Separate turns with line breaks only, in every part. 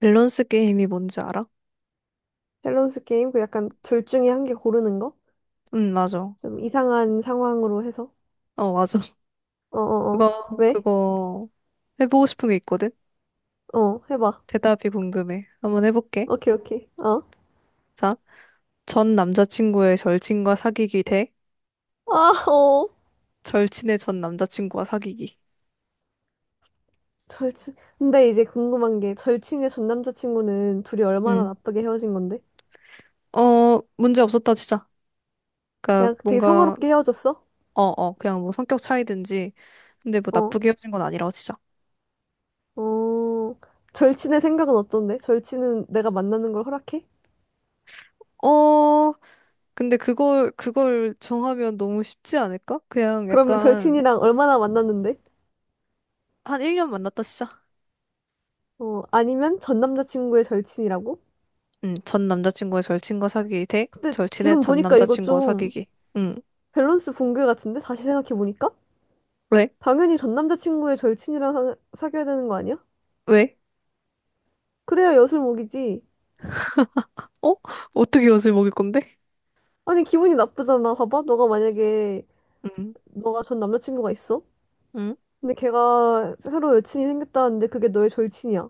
밸런스 게임이 뭔지 알아?
밸런스 게임? 그 약간 둘 중에 한 개 고르는 거?
응, 맞아.
좀 이상한 상황으로 해서.
어, 맞아.
어어어.
그거,
왜?
그거 해보고 싶은 게 있거든?
어, 해봐.
대답이 궁금해. 한번 해볼게.
오케이, 오케이. 어.
자, 전 남자친구의 절친과 사귀기 대
아, 어.
절친의 전 남자친구와 사귀기.
절친. 근데 이제 궁금한 게 절친의 전 남자친구는 둘이 얼마나
응.
나쁘게 헤어진 건데?
어, 문제 없었다, 진짜. 그니까
그냥 되게
뭔가,
평화롭게 헤어졌어?
어, 어, 그냥 뭐 성격 차이든지. 근데 뭐
어.
나쁘게 헤어진 건 아니라고, 진짜.
어. 절친의 생각은 어떤데? 절친은 내가 만나는 걸 허락해?
어, 근데 그걸 정하면 너무 쉽지 않을까? 그냥
그러면
약간.
절친이랑 얼마나 만났는데?
한 1년 만났다, 진짜.
어, 아니면 전 남자친구의 절친이라고?
응, 전 남자친구의 절친과 사귀기 대
근데
절친의
지금
전
보니까 이거
남자친구와
좀
사귀기. 응.
밸런스 붕괴 같은데? 다시 생각해보니까?
왜?
당연히 전 남자친구의 절친이랑 사귀어야 되는 거 아니야?
왜?
그래야 엿을 먹이지.
어? 어떻게 옷을 먹일 건데?
아니, 기분이 나쁘잖아. 봐봐. 너가 만약에,
응.
너가 전 남자친구가 있어?
응?
근데 걔가 새로 여친이 생겼다는데 그게 너의 절친이야.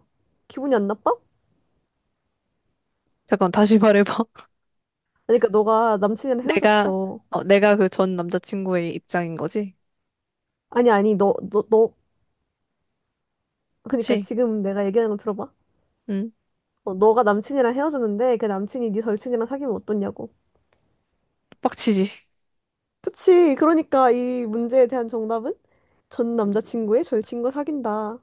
기분이 안 나빠?
잠깐 다시 말해봐.
아니, 그러니까 너가 남친이랑
내가
헤어졌어.
내가 그 전 남자친구의 입장인 거지?
아니, 아니, 너. 그러니까
그치?
지금 내가 얘기하는 거 들어봐.
응.
어, 너가 남친이랑 헤어졌는데 걔 남친이 네 절친이랑 사귀면 어떻냐고.
빡치지.
그치. 그러니까 이 문제에 대한 정답은 전 남자친구의 절친과 사귄다.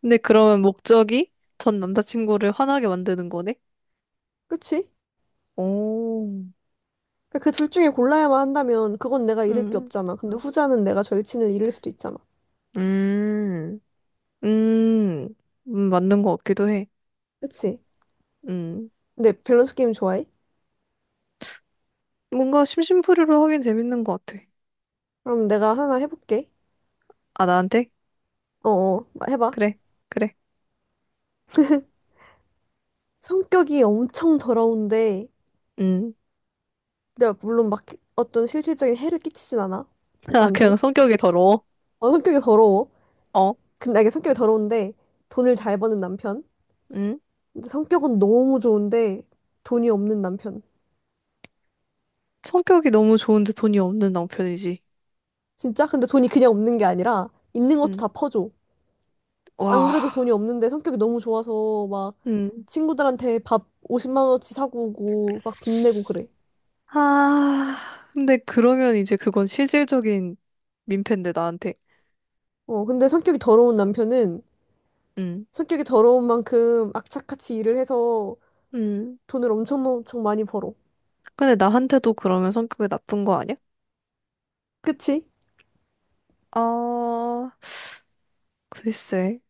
근데 그러면 목적이 전 남자친구를 화나게 만드는 거네?
그치?
오.
그러니까 그둘 중에 골라야만 한다면 그건 내가 잃을 게
응.
없잖아. 근데 후자는 내가 절친을 잃을 수도 있잖아.
음. 음. 맞는 거 같기도 해.
그치?
음.
근데 밸런스 게임 좋아해?
뭔가 심심풀이로 하긴 재밌는 것 같아.
그럼 내가 하나 해볼게.
아, 나한테?
어어, 해봐.
그래, 그래.
성격이 엄청 더러운데,
음.
내가 물론 막 어떤 실질적인 해를 끼치진 않아.
아,
나한테.
그냥 성격이 더러워.
어, 성격이 더러워.
어,
근데 이게 성격이 더러운데 돈을 잘 버는 남편.
음.
근데 성격은 너무 좋은데 돈이 없는 남편.
성격이 너무 좋은데 돈이 없는 남편이지.
진짜? 근데 돈이 그냥 없는 게 아니라 있는 것도
음.
다 퍼줘. 안 그래도
와,
돈이 없는데 성격이 너무 좋아서 막
음.
친구들한테 밥 50만 원어치 사고 오고 막 빚내고 그래.
아, 근데 그러면 이제 그건 실질적인 민폐인데, 나한테.
어, 근데 성격이 더러운 남편은
음.
성격이 더러운 만큼 악착같이 일을 해서
음.
돈을 엄청 엄청 많이 벌어.
근데 나한테도 그러면 성격이 나쁜 거 아니야?
그치?
아, 글쎄.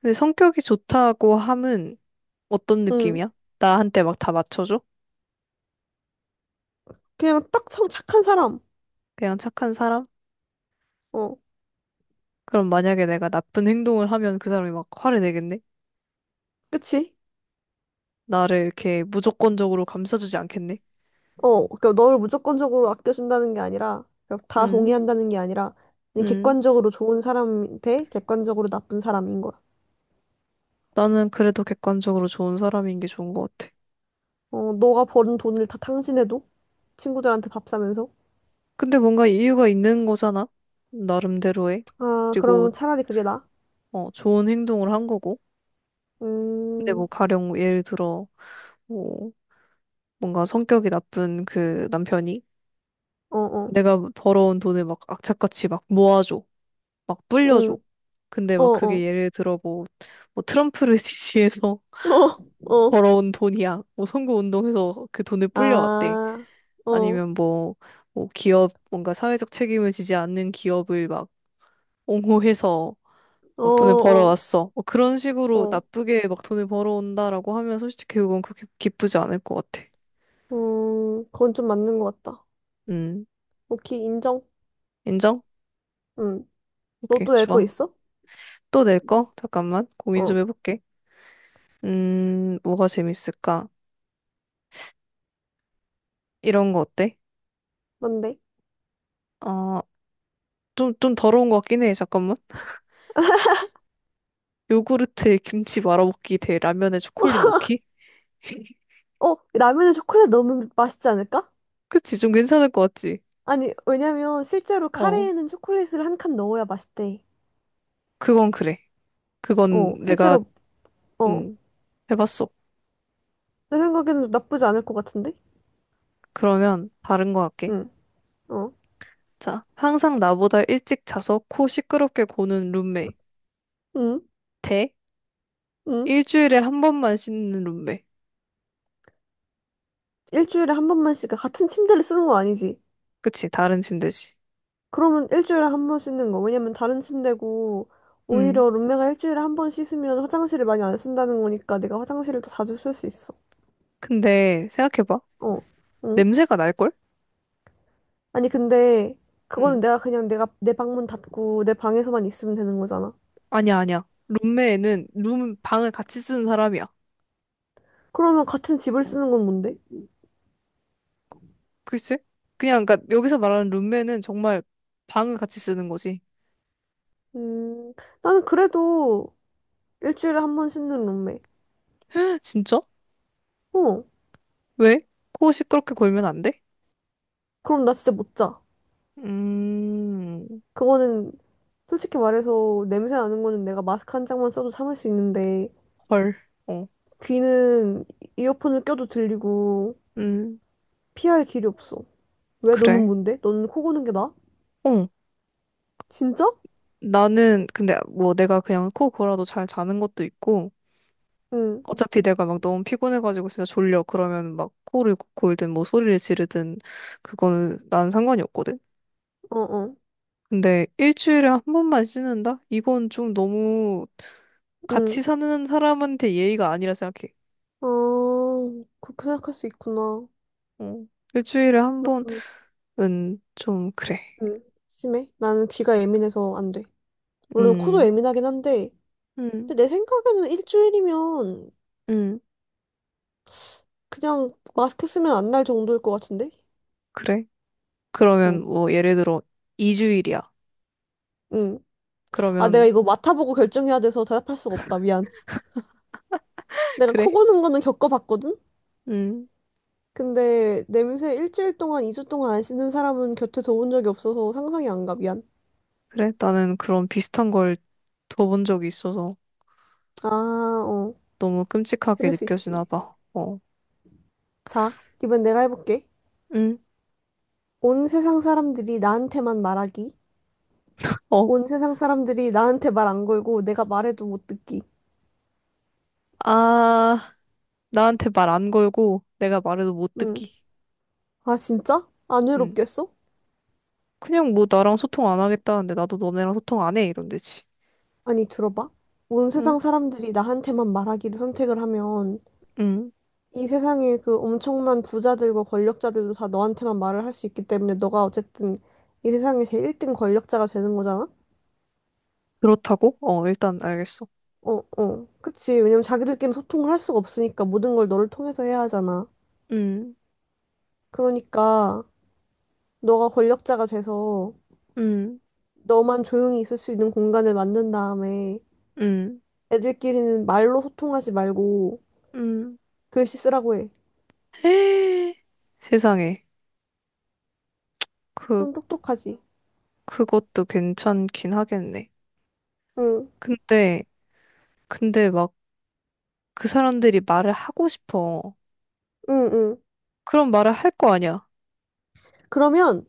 근데 성격이 좋다고 함은 어떤
응.
느낌이야? 나한테 막 다 맞춰줘?
그냥 딱 성 착한 사람.
그냥 착한 사람?
어,
그럼 만약에 내가 나쁜 행동을 하면 그 사람이 막 화를 내겠네?
그치?
나를 이렇게 무조건적으로 감싸주지 않겠네.
어, 그러니까 너를 무조건적으로 아껴준다는 게 아니라 그러니까 다
음,
동의한다는 게 아니라 그냥
음.
객관적으로 좋은 사람 대 객관적으로 나쁜 사람인 거야.
나는 그래도 객관적으로 좋은 사람인 게 좋은 것 같아.
어, 너가 버는 돈을 다 탕진해도? 친구들한테 밥 사면서?
근데 뭔가 이유가 있는 거잖아. 나름대로의.
아,
그리고,
그러면 차라리 그게 나아?
좋은 행동을 한 거고. 근데
음,
뭐 가령 예를 들어, 뭐, 뭔가 성격이 나쁜 그 남편이
어, 어,
내가 벌어온 돈을 막 악착같이 막 모아줘. 막 불려줘.
응,
근데
어,
막 그게
어,
예를 들어 뭐, 뭐, 트럼프를 지지해서
어, 어, 어.
벌어온 돈이야. 뭐 선거운동에서 그 돈을 불려왔대.
아, 어,
아니면 뭐 기업 뭔가 사회적 책임을 지지 않는 기업을 막 옹호해서
어,
막 돈을
어,
벌어왔어. 뭐 그런 식으로
어,
나쁘게 막 돈을 벌어온다라고 하면 솔직히 그건 그렇게 기쁘지 않을 것 같아.
그건 좀 맞는 것 같다.
음,
오케이, 인정.
인정?
응, 너
오케이,
또 낼 거
좋아.
있어?
또 낼 거? 잠깐만, 고민 좀
어,
해볼게. 뭐가 재밌을까? 이런 거 어때?
뭔데?
아, 좀 더러운 것 같긴 해. 잠깐만. 요구르트에 김치 말아먹기 대 라면에 초콜릿 넣기?
어, 라면에 초콜릿 넣으면 맛있지 않을까?
그치, 좀 괜찮을 것 같지?
아니, 왜냐면 실제로
어,
카레에는 초콜릿을 한 칸 넣어야 맛있대.
그건 그래. 그건
어,
내가,
실제로, 어,
응, 해봤어.
내 생각에는 나쁘지 않을 것 같은데?
그러면 다른 거 할게.
응. 어,
자, 항상 나보다 일찍 자서 코 시끄럽게 고는 룸메.
응,
대
응.
일주일에 한 번만 씻는 룸메.
일주일에 한 번만씩 그러니까 같은 침대를 쓰는 거 아니지?
그치, 다른 침대지.
그러면 일주일에 한 번 씻는 거. 왜냐면 다른 침대고
응.
오히려 룸메가 일주일에 한 번 씻으면 화장실을 많이 안 쓴다는 거니까 내가 화장실을 더 자주 쓸 수 있어.
근데 생각해봐.
어, 응.
냄새가 날걸?
아니 근데 그거는
응.
내가 그냥 내가 내 방문 닫고 내 방에서만 있으면 되는 거잖아.
아니야, 아니야. 룸메는 방을 같이 쓰는 사람이야.
그러면 같은 집을 쓰는 건 뭔데?
글쎄? 그냥, 그니까 여기서 말하는 룸메는 정말 방을 같이 쓰는 거지.
음, 나는 그래도 일주일에 한 번 씻는 룸메.
진짜?
어,
왜? 코 시끄럽게 골면 안 돼?
그럼 나 진짜 못 자.
음,
그거는 솔직히 말해서 냄새 나는 거는 내가 마스크 한 장만 써도 참을 수 있는데
헐. 어.
귀는 이어폰을 껴도 들리고
음,
피할 길이 없어. 왜 너는
그래.
뭔데? 너는 코 고는 게 나아?
어,
진짜?
나는 근데 뭐 내가 그냥 코 골아도 잘 자는 것도 있고
응.
어차피 내가 막 너무 피곤해가지고 진짜 졸려 그러면 막 코를 골든 뭐 소리를 지르든 그거는 난 상관이 없거든.
어, 어.
근데 일주일에 한 번만 씻는다? 이건 좀 너무 같이
응.
사는 사람한테 예의가 아니라 생각해.
아, 그렇게 생각할 수 있구나.
어, 일주일에 한
나는
번은 좀 그래.
응. 심해. 나는 귀가 예민해서 안 돼. 물론 코도
음,
예민하긴 한데
음,
근데 내 생각에는 일주일이면
음,
그냥 마스크 쓰면 안 날 정도일 것 같은데?
그래. 그러면
응.
뭐 예를 들어 2주일이야.
응. 아, 내가
그러면
이거 맡아보고 결정해야 돼서 대답할 수가 없다. 미안. 내가 코
그래.
고는 거는 겪어봤거든?
음.
근데 냄새 일주일 동안, 2주 동안 안 씻는 사람은 곁에 둬본 적이 없어서 상상이 안 가. 미안.
그래? 나는 그런 비슷한 걸 들어본 적이 있어서
아, 어.
너무 끔찍하게
그럴 수
느껴지나
있지.
봐. 어,
자, 이번 내가 해볼게.
응,
온 세상 사람들이 나한테만 말하기.
어,
온 세상 사람들이 나한테 말 안 걸고 내가 말해도 못 듣기.
아, 나한테 말 안 걸고 내가 말해도 못
응.
듣기.
아, 진짜? 안
응,
외롭겠어?
그냥 뭐 나랑 소통 안 하겠다는데 나도 너네랑 소통 안 해. 이런 데지.
아니, 들어봐. 온
응,
세상 사람들이 나한테만 말하기를 선택을 하면
응,
이 세상에 그 엄청난 부자들과 권력자들도 다 너한테만 말을 할 수 있기 때문에 너가 어쨌든 이 세상의 제일 1등 권력자가 되는 거잖아?
그렇다고? 어, 일단 알겠어.
어, 어. 그치. 왜냐면 자기들끼리 소통을 할 수가 없으니까 모든 걸 너를 통해서 해야 하잖아.
응,
그러니까 너가 권력자가 돼서
응,
너만 조용히 있을 수 있는 공간을 만든 다음에
응,
애들끼리는 말로 소통하지 말고
응.
글씨 쓰라고 해.
헤. 세상에. 그,
좀 똑똑하지?
그것도 괜찮긴 하겠네.
응,
근데, 근데, 막 그 사람들이 말을 하고 싶어.
응, 응.
그런 말을 할 거 아니야.
그러면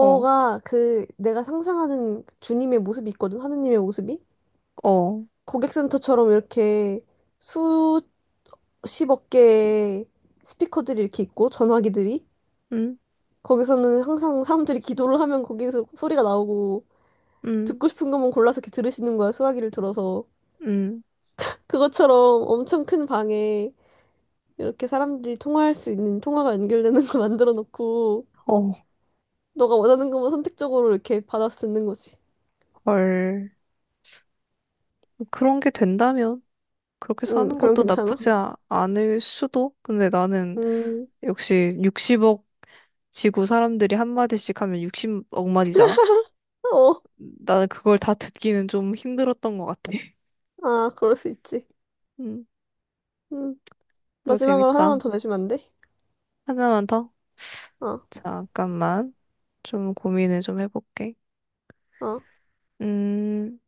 어,
그 내가 상상하는 주님의 모습이 있거든, 하느님의 모습이?
어,
고객센터처럼 이렇게 수십억 개의 스피커들이 이렇게 있고, 전화기들이.
음,
거기서는 항상 사람들이 기도를 하면 거기서 소리가 나오고,
음,
듣고 싶은 것만 골라서 이렇게 들으시는 거야, 수화기를 들어서.
음,
그것처럼 엄청 큰 방에 이렇게 사람들이 통화할 수 있는 통화가 연결되는 걸 만들어 놓고,
어,
너가 원하는 것만 선택적으로 이렇게 받아 쓰는 거지.
헐. 그런 게 된다면 그렇게
응,
사는
그럼
것도
괜찮아?
나쁘지 않을 수도? 근데 나는
음.
역시 60억 지구 사람들이 한마디씩 하면 60억 마디잖아?
어,
나는 그걸 다 듣기는 좀 힘들었던 것 같아.
아, 그럴 수 있지.
음,
음,
이거
마지막으로
재밌다.
하나만 더 내주면 안 돼?
하나만 더?
어,
잠깐만. 좀 고민을 좀 해볼게.
어.
음,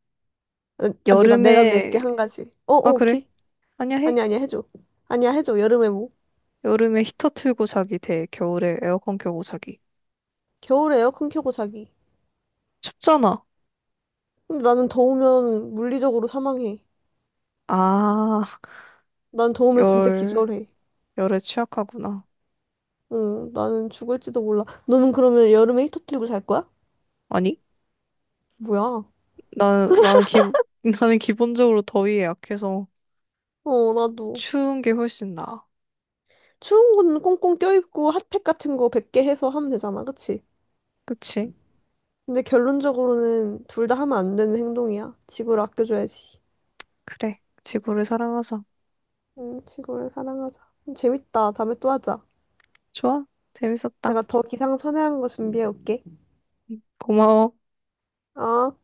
아, 아니, 나 내가 낼게,
여름에,
한 가지. 어, 어,
아, 그래?
오케이.
아니야, 해.
아니야, 아니야, 해줘. 아니야, 해줘. 여름에 뭐.
여름에 히터 틀고 자기 대 겨울에 에어컨 켜고 자기.
겨울에 에어컨 켜고 자기.
춥잖아.
근데 나는 더우면 물리적으로 사망해.
아,
난 더우면 진짜
열,
기절해.
열에 취약하구나.
응, 나는 죽을지도 몰라. 너는 그러면 여름에 히터 틀고 잘 거야?
아니,
뭐야?
나는 나는 기본적으로 더위에 약해서
어, 나도.
추운 게 훨씬 나아.
추운 건 꽁꽁 껴입고 핫팩 같은 거 100개 해서 하면 되잖아, 그치?
그치?
근데 결론적으로는 둘 다 하면 안 되는 행동이야. 지구를 아껴줘야지.
그래. 지구를 사랑하자.
응, 지구를 사랑하자. 재밌다. 다음에 또 하자.
좋아? 재밌었다.
내가 더 기상천외한 거 준비해 올게.
고마워.
어?